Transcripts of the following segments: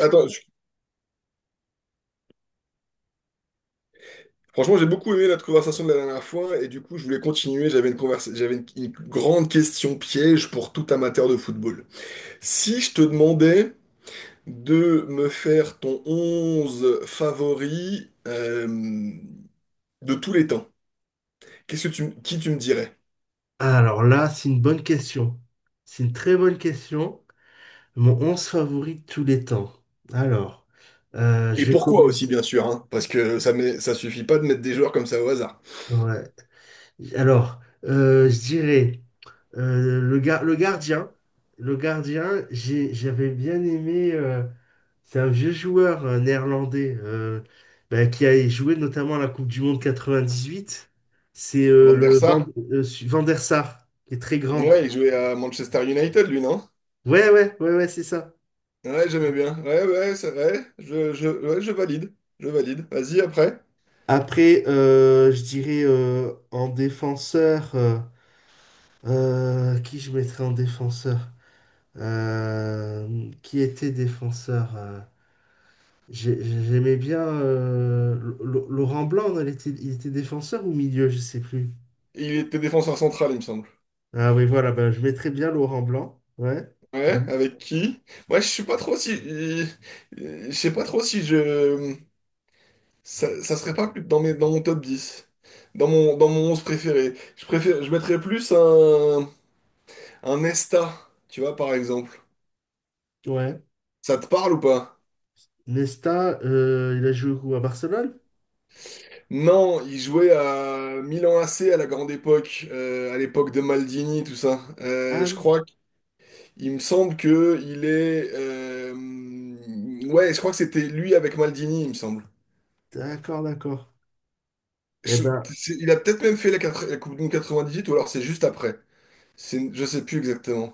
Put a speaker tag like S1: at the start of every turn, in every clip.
S1: Attends, franchement, j'ai beaucoup aimé notre conversation de la dernière fois et du coup, je voulais continuer. J'avais une grande question piège pour tout amateur de football. Si je te demandais de me faire ton 11 favori de tous les temps, qui tu me dirais?
S2: Alors là, c'est une bonne question. C'est une très bonne question. Mon 11 favori de tous les temps. Alors,
S1: Et
S2: je vais
S1: pourquoi aussi,
S2: commencer.
S1: bien sûr, hein, parce que ça suffit pas de mettre des joueurs comme ça au hasard.
S2: Ouais. Alors, je dirais le gardien. Le gardien, j'avais bien aimé. C'est un vieux joueur néerlandais, bah, qui a joué notamment à la Coupe du Monde 98. C'est
S1: Van der Sar,
S2: Van der Sar, qui est très grand.
S1: ouais, il jouait à Manchester United, lui, non?
S2: Ouais, ouais, ouais, ouais, c'est ça.
S1: Ouais, j'aimais bien. Ouais, ouais, c'est vrai. Ouais, je valide. Je valide. Vas-y, après.
S2: Après, je dirais en défenseur, qui je mettrais en défenseur? Qui était défenseur? J'aimais bien Laurent Blanc, non, il était défenseur ou milieu, je sais plus.
S1: Il était défenseur central, il me semble.
S2: Ah oui, voilà, ben, je mettrais bien Laurent Blanc. Ouais. Ouais.
S1: Ouais, avec qui? Moi, je suis pas trop si. Je sais pas trop si je. Ça serait pas plus dans dans mon top 10, dans dans mon 11 préféré. Je mettrais plus un Nesta, tu vois, par exemple.
S2: Ouais.
S1: Ça te parle ou pas?
S2: Nesta, il a joué où? À Barcelone?
S1: Non, il jouait à Milan AC à la grande époque, à l'époque de Maldini, tout ça.
S2: Ah
S1: Je
S2: oui,
S1: crois qu'il me semble que il est. Ouais, je crois que c'était lui avec Maldini, il me semble.
S2: d'accord, d'accord. Eh
S1: Je-
S2: ben,
S1: il a peut-être même fait la Coupe du Monde 98 ou alors c'est juste après. Je sais plus exactement.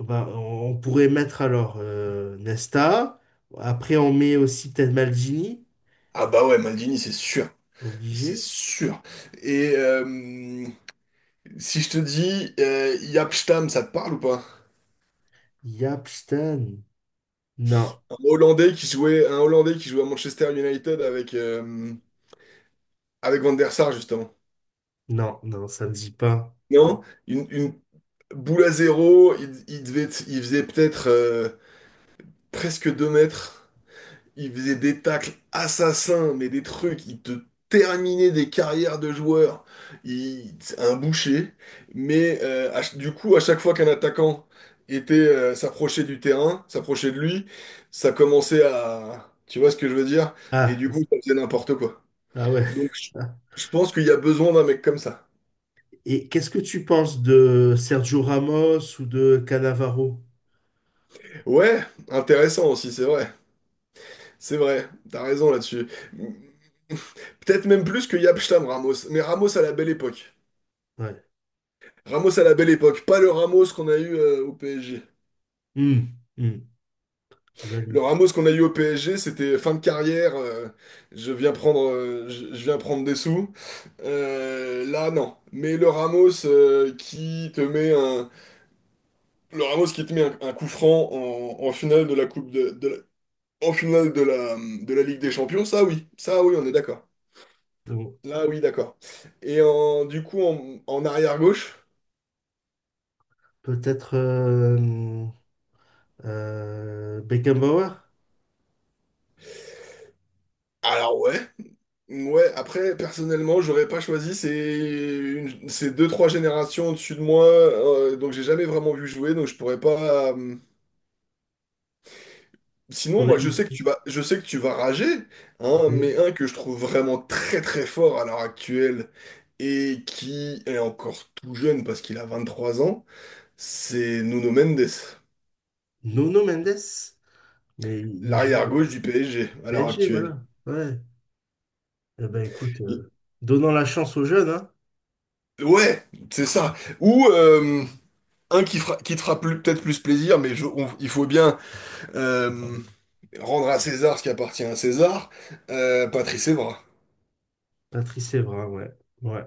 S2: ben, on pourrait mettre alors Nesta. Après, on met aussi peut-être Maldini.
S1: Ah bah ouais, Maldini, c'est sûr. C'est
S2: Obligé.
S1: sûr. Et si je te dis Jaap Stam, ça te parle ou pas?
S2: Yapstan. Non,
S1: Un Hollandais qui jouait à Manchester United avec, avec Van der Sar justement.
S2: non, non, ça me dit pas.
S1: Non? Une boule à zéro, il faisait peut-être presque 2 mètres. Il faisait des tacles assassins, mais des trucs, il te terminait des carrières de joueurs. C'est un boucher. Mais du coup, à chaque fois qu'un attaquant était s'approchait du terrain, s'approchait de lui, ça commençait à... Tu vois ce que je veux dire? Et
S2: Ah,
S1: du coup,
S2: z-
S1: ça faisait n'importe quoi.
S2: ah ouais.
S1: Donc,
S2: Ah.
S1: je pense qu'il y a besoin d'un mec comme ça.
S2: Et qu'est-ce que tu penses de Sergio Ramos ou de Cannavaro?
S1: Ouais, intéressant aussi, c'est vrai. C'est vrai, t'as raison là-dessus. Peut-être même plus que Yapstam Ramos. Mais Ramos à la belle époque.
S2: Ouais.
S1: Ramos à la belle époque, pas le Ramos qu'on a eu au PSG.
S2: Hmm, hmm, je
S1: Le
S2: valide.
S1: Ramos qu'on a eu au PSG, c'était fin de carrière, je viens prendre, je viens prendre des sous. Là, non. Mais le Ramos qui te met un, le Ramos qui te met un coup franc en finale de la en finale de de la Ligue des Champions, ça oui, on est d'accord.
S2: Donc,
S1: Là, oui, d'accord. Et en, du coup, en, en arrière gauche,
S2: peut-être Beckenbauer?
S1: alors ouais. Ouais, après, personnellement, j'aurais pas choisi. C'est une... c'est deux, trois générations au-dessus de moi. Donc, j'ai jamais vraiment vu jouer. Donc, je pourrais pas. Sinon,
S2: T'aurais
S1: moi,
S2: mis-
S1: je sais que tu vas rager, hein,
S2: oui.
S1: mais un que je trouve vraiment très, très fort à l'heure actuelle et qui est encore tout jeune parce qu'il a 23 ans, c'est Nuno Mendes,
S2: Nuno Mendes? Mais il joue
S1: l'arrière-gauche
S2: au
S1: du PSG à l'heure
S2: PSG,
S1: actuelle.
S2: voilà. Ouais. Eh ben écoute, donnons la chance aux jeunes, hein.
S1: Ouais, c'est ça. Ou qui te fera peut-être plus plaisir, mais il faut bien. Euh, rendre à César ce qui appartient à César, Patrice Evra.
S2: Patrice Evra, ouais. Ouais,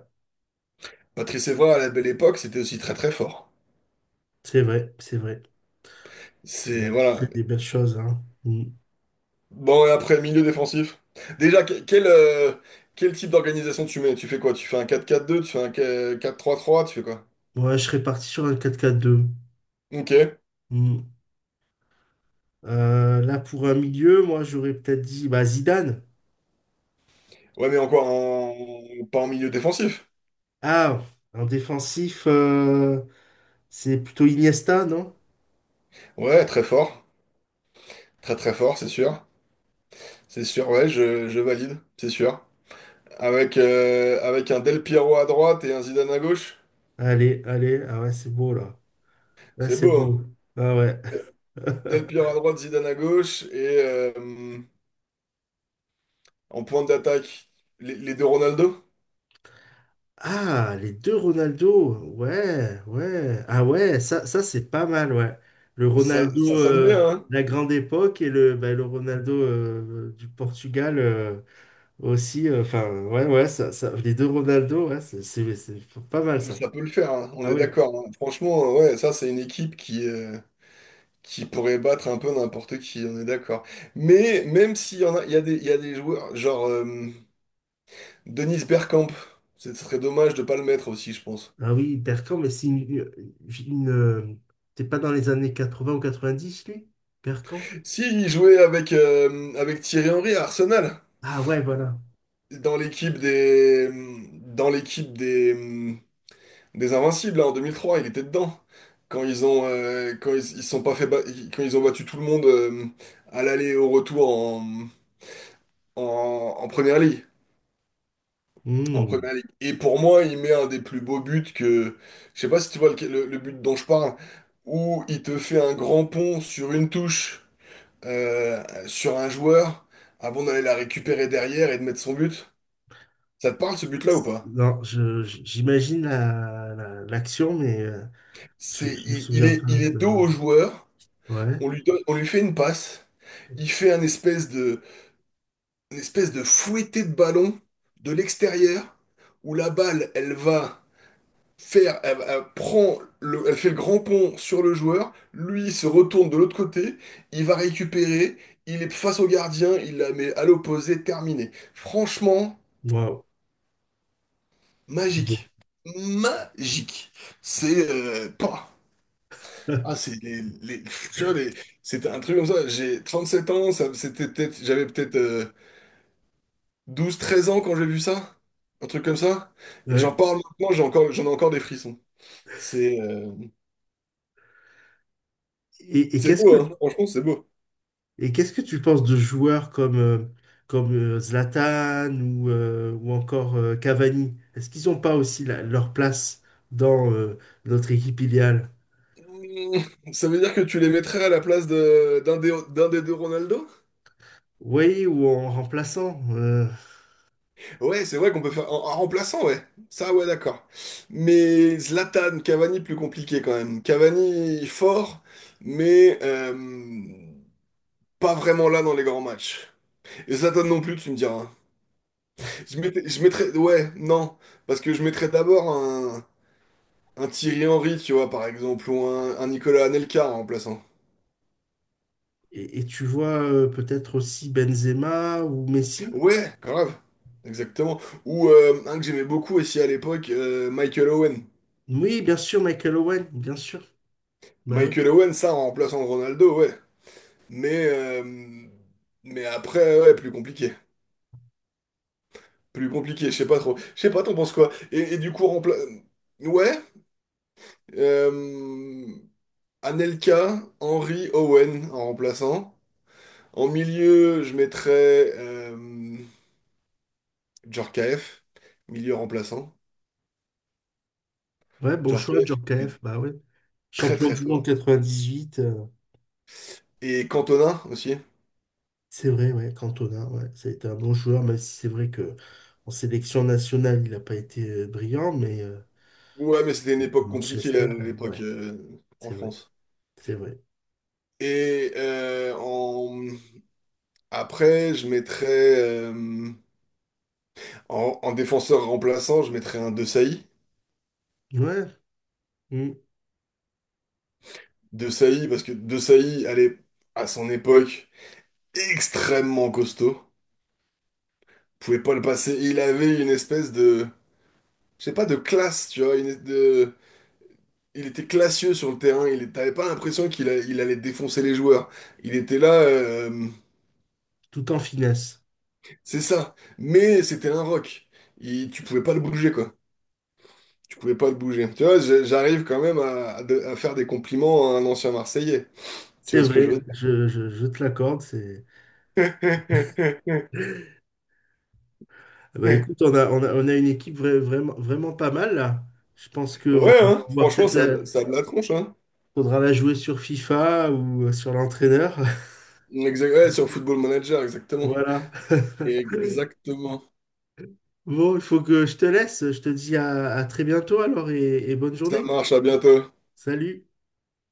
S1: Patrice Evra, à la belle époque, c'était aussi très très fort.
S2: c'est vrai, c'est vrai. Il a montré
S1: Voilà.
S2: des belles choses, hein. Mm.
S1: Bon, et après, milieu défensif. Déjà, quel type d'organisation tu mets? Tu fais quoi? Tu fais un 4-4-2, tu fais un 4-3-3, tu fais quoi?
S2: Ouais, je serais parti sur un 4-4-2.
S1: Ok.
S2: Mm. Là, pour un milieu, moi, j'aurais peut-être dit bah, Zidane.
S1: Ouais, mais encore en... pas en milieu défensif.
S2: Ah, en défensif, c'est plutôt Iniesta, non?
S1: Ouais, très fort. Très très fort, c'est sûr. C'est sûr, ouais, je valide, c'est sûr. Avec, avec un Del Piero à droite et un Zidane à gauche,
S2: Allez, allez, ah ouais, c'est beau, là. Là,
S1: c'est
S2: c'est
S1: beau, hein.
S2: beau. Ah ouais.
S1: Del Piero à droite, Zidane à gauche, et en pointe d'attaque, les deux Ronaldo.
S2: Ah, les deux Ronaldo. Ouais, ouais. Ah ouais, ça c'est pas mal, ouais. Le
S1: Ça,
S2: Ronaldo
S1: ça sonne bien, hein.
S2: de la grande époque et le, bah, le Ronaldo du Portugal aussi. Enfin, ouais, ouais, ça, les deux Ronaldo, ouais, c'est pas mal ça.
S1: Ça peut le faire, hein. On
S2: Ah
S1: est
S2: ouais.
S1: d'accord, hein. Franchement, ouais, ça, c'est une équipe qui pourrait battre un peu n'importe qui, on est d'accord. Mais même s'il y en a, il y a il y a des joueurs, genre Dennis Bergkamp, ce serait dommage de pas le mettre aussi, je pense.
S2: Ah oui, Bergkamp, mais une, euh, t'es pas dans les années 80 ou quatre-vingt-dix lui? Bergkamp?
S1: S'il jouait avec, avec Thierry Henry à Arsenal,
S2: Ah ouais, voilà.
S1: dans l'équipe des, dans l'équipe des, Des Invincibles, là, en 2003, il était dedans. Quand ils ont, quand ils se sont pas fait ba- quand ils ont battu tout le monde à l'aller et au retour en, en, en première ligue. En
S2: Hmm.
S1: première ligue. Et pour moi, il met un des plus beaux buts que. Je sais pas si tu vois le but dont je parle, où il te fait un grand pont sur une touche, sur un joueur, avant d'aller la récupérer derrière et de mettre son but. Ça te parle ce but-là ou pas?
S2: Non, j'imagine l'action, mais... Je,
S1: C'est,
S2: je me souviens pas
S1: il est
S2: de
S1: dos
S2: l'avoir
S1: au
S2: vu.
S1: joueur,
S2: Ouais.
S1: on lui donne, on lui fait une passe. Il fait une espèce de fouetté de ballon de l'extérieur où la balle, elle prend elle fait le grand pont sur le joueur. Lui, il se retourne de l'autre côté. Il va récupérer. Il est face au gardien. Il la met à l'opposé. Terminé. Franchement,
S2: Waouh. Bon.
S1: magique. Magique. C'est pas. Ah, c'est les- tu vois, les- C'était un truc comme ça. J'ai 37 ans. Ça, c'était peut-être, j'avais peut-être 12 13 ans quand j'ai vu ça, un truc comme ça. Et j'en
S2: Ouais.
S1: parle maintenant, j'en ai encore des frissons. C'est euh,
S2: Et, et
S1: c'est
S2: qu'est-ce que
S1: beau, hein. Franchement, c'est beau.
S2: et qu'est-ce que tu penses de joueurs comme Zlatan ou ou encore Cavani? Est-ce qu'ils n'ont pas aussi leur place dans notre équipe idéale?
S1: Mmh, ça veut dire que tu les mettrais à la place de, d'un des deux Ronaldo?
S2: Oui, ou en remplaçant.
S1: Ouais, c'est vrai qu'on peut faire en remplaçant, ouais. Ça, ouais, d'accord. Mais Zlatan, Cavani, plus compliqué quand même. Cavani, fort, mais pas vraiment là dans les grands matchs. Et Zlatan non plus, tu me diras. Ouais, non, parce que je mettrais d'abord un. Un Thierry Henry, tu vois, par exemple, ou un Nicolas Anelka en remplaçant.
S2: Et tu vois peut-être aussi Benzema ou Messi?
S1: Ouais, grave. Exactement. Ou un que j'aimais beaucoup aussi à l'époque, Michael Owen.
S2: Oui, bien sûr, Michael Owen, bien sûr. Bah ouais.
S1: Michael Owen, ça, en remplaçant Ronaldo, ouais. Mais, après, ouais, plus compliqué. Plus compliqué, je sais pas trop. Je sais pas, t'en penses quoi? Et du coup, rempla... Ouais, euh, Anelka, Henry, Owen en remplaçant. En milieu, je mettrais euh, Djorkaeff, milieu remplaçant.
S2: Ouais, bon choix,
S1: Djorkaeff était
S2: Djorkaeff, bah ouais.
S1: très
S2: Champion
S1: très
S2: du monde
S1: fort.
S2: 98.
S1: Et Cantona aussi.
S2: C'est vrai, ouais, Cantona, ouais, ça a été un bon joueur, même si c'est vrai que en sélection nationale, il n'a pas été brillant, mais
S1: Ouais, mais c'était une
S2: à
S1: époque compliquée à
S2: Manchester,
S1: l'époque
S2: ouais,
S1: en
S2: c'est vrai,
S1: France.
S2: c'est vrai.
S1: Et après, je mettrais en défenseur remplaçant, je mettrais un De Sailly.
S2: Ouais, mm,
S1: De Sailly, parce que De Sailly, elle est à son époque extrêmement costaud. Pouvait pas le passer. Il avait une espèce de, je sais pas, de classe, tu vois, il était classieux sur le terrain, il t'avais pas l'impression qu'il a- il allait défoncer les joueurs. Il était là,
S2: tout en finesse.
S1: c'est ça. Mais c'était un rock. Tu pouvais pas le bouger, quoi. Tu pouvais pas le bouger. Tu vois, j'arrive quand même à faire des compliments à un ancien Marseillais. Tu
S2: C'est
S1: vois ce que je veux
S2: vrai,
S1: dire?
S2: je te l'accorde. C'est... ah bah, écoute, on a, on a, on a une équipe vraiment, vraiment pas mal là. Je pense qu'on
S1: Ouais, hein,
S2: va
S1: franchement,
S2: peut-être la...
S1: ça a de la tronche, hein.
S2: faudra la jouer sur FIFA ou sur l'entraîneur.
S1: Ouais, sur Football Manager, exactement.
S2: Voilà.
S1: Exactement.
S2: Bon, il faut que je te laisse. Je te dis à très bientôt alors et bonne
S1: Ça
S2: journée.
S1: marche, à bientôt.
S2: Salut!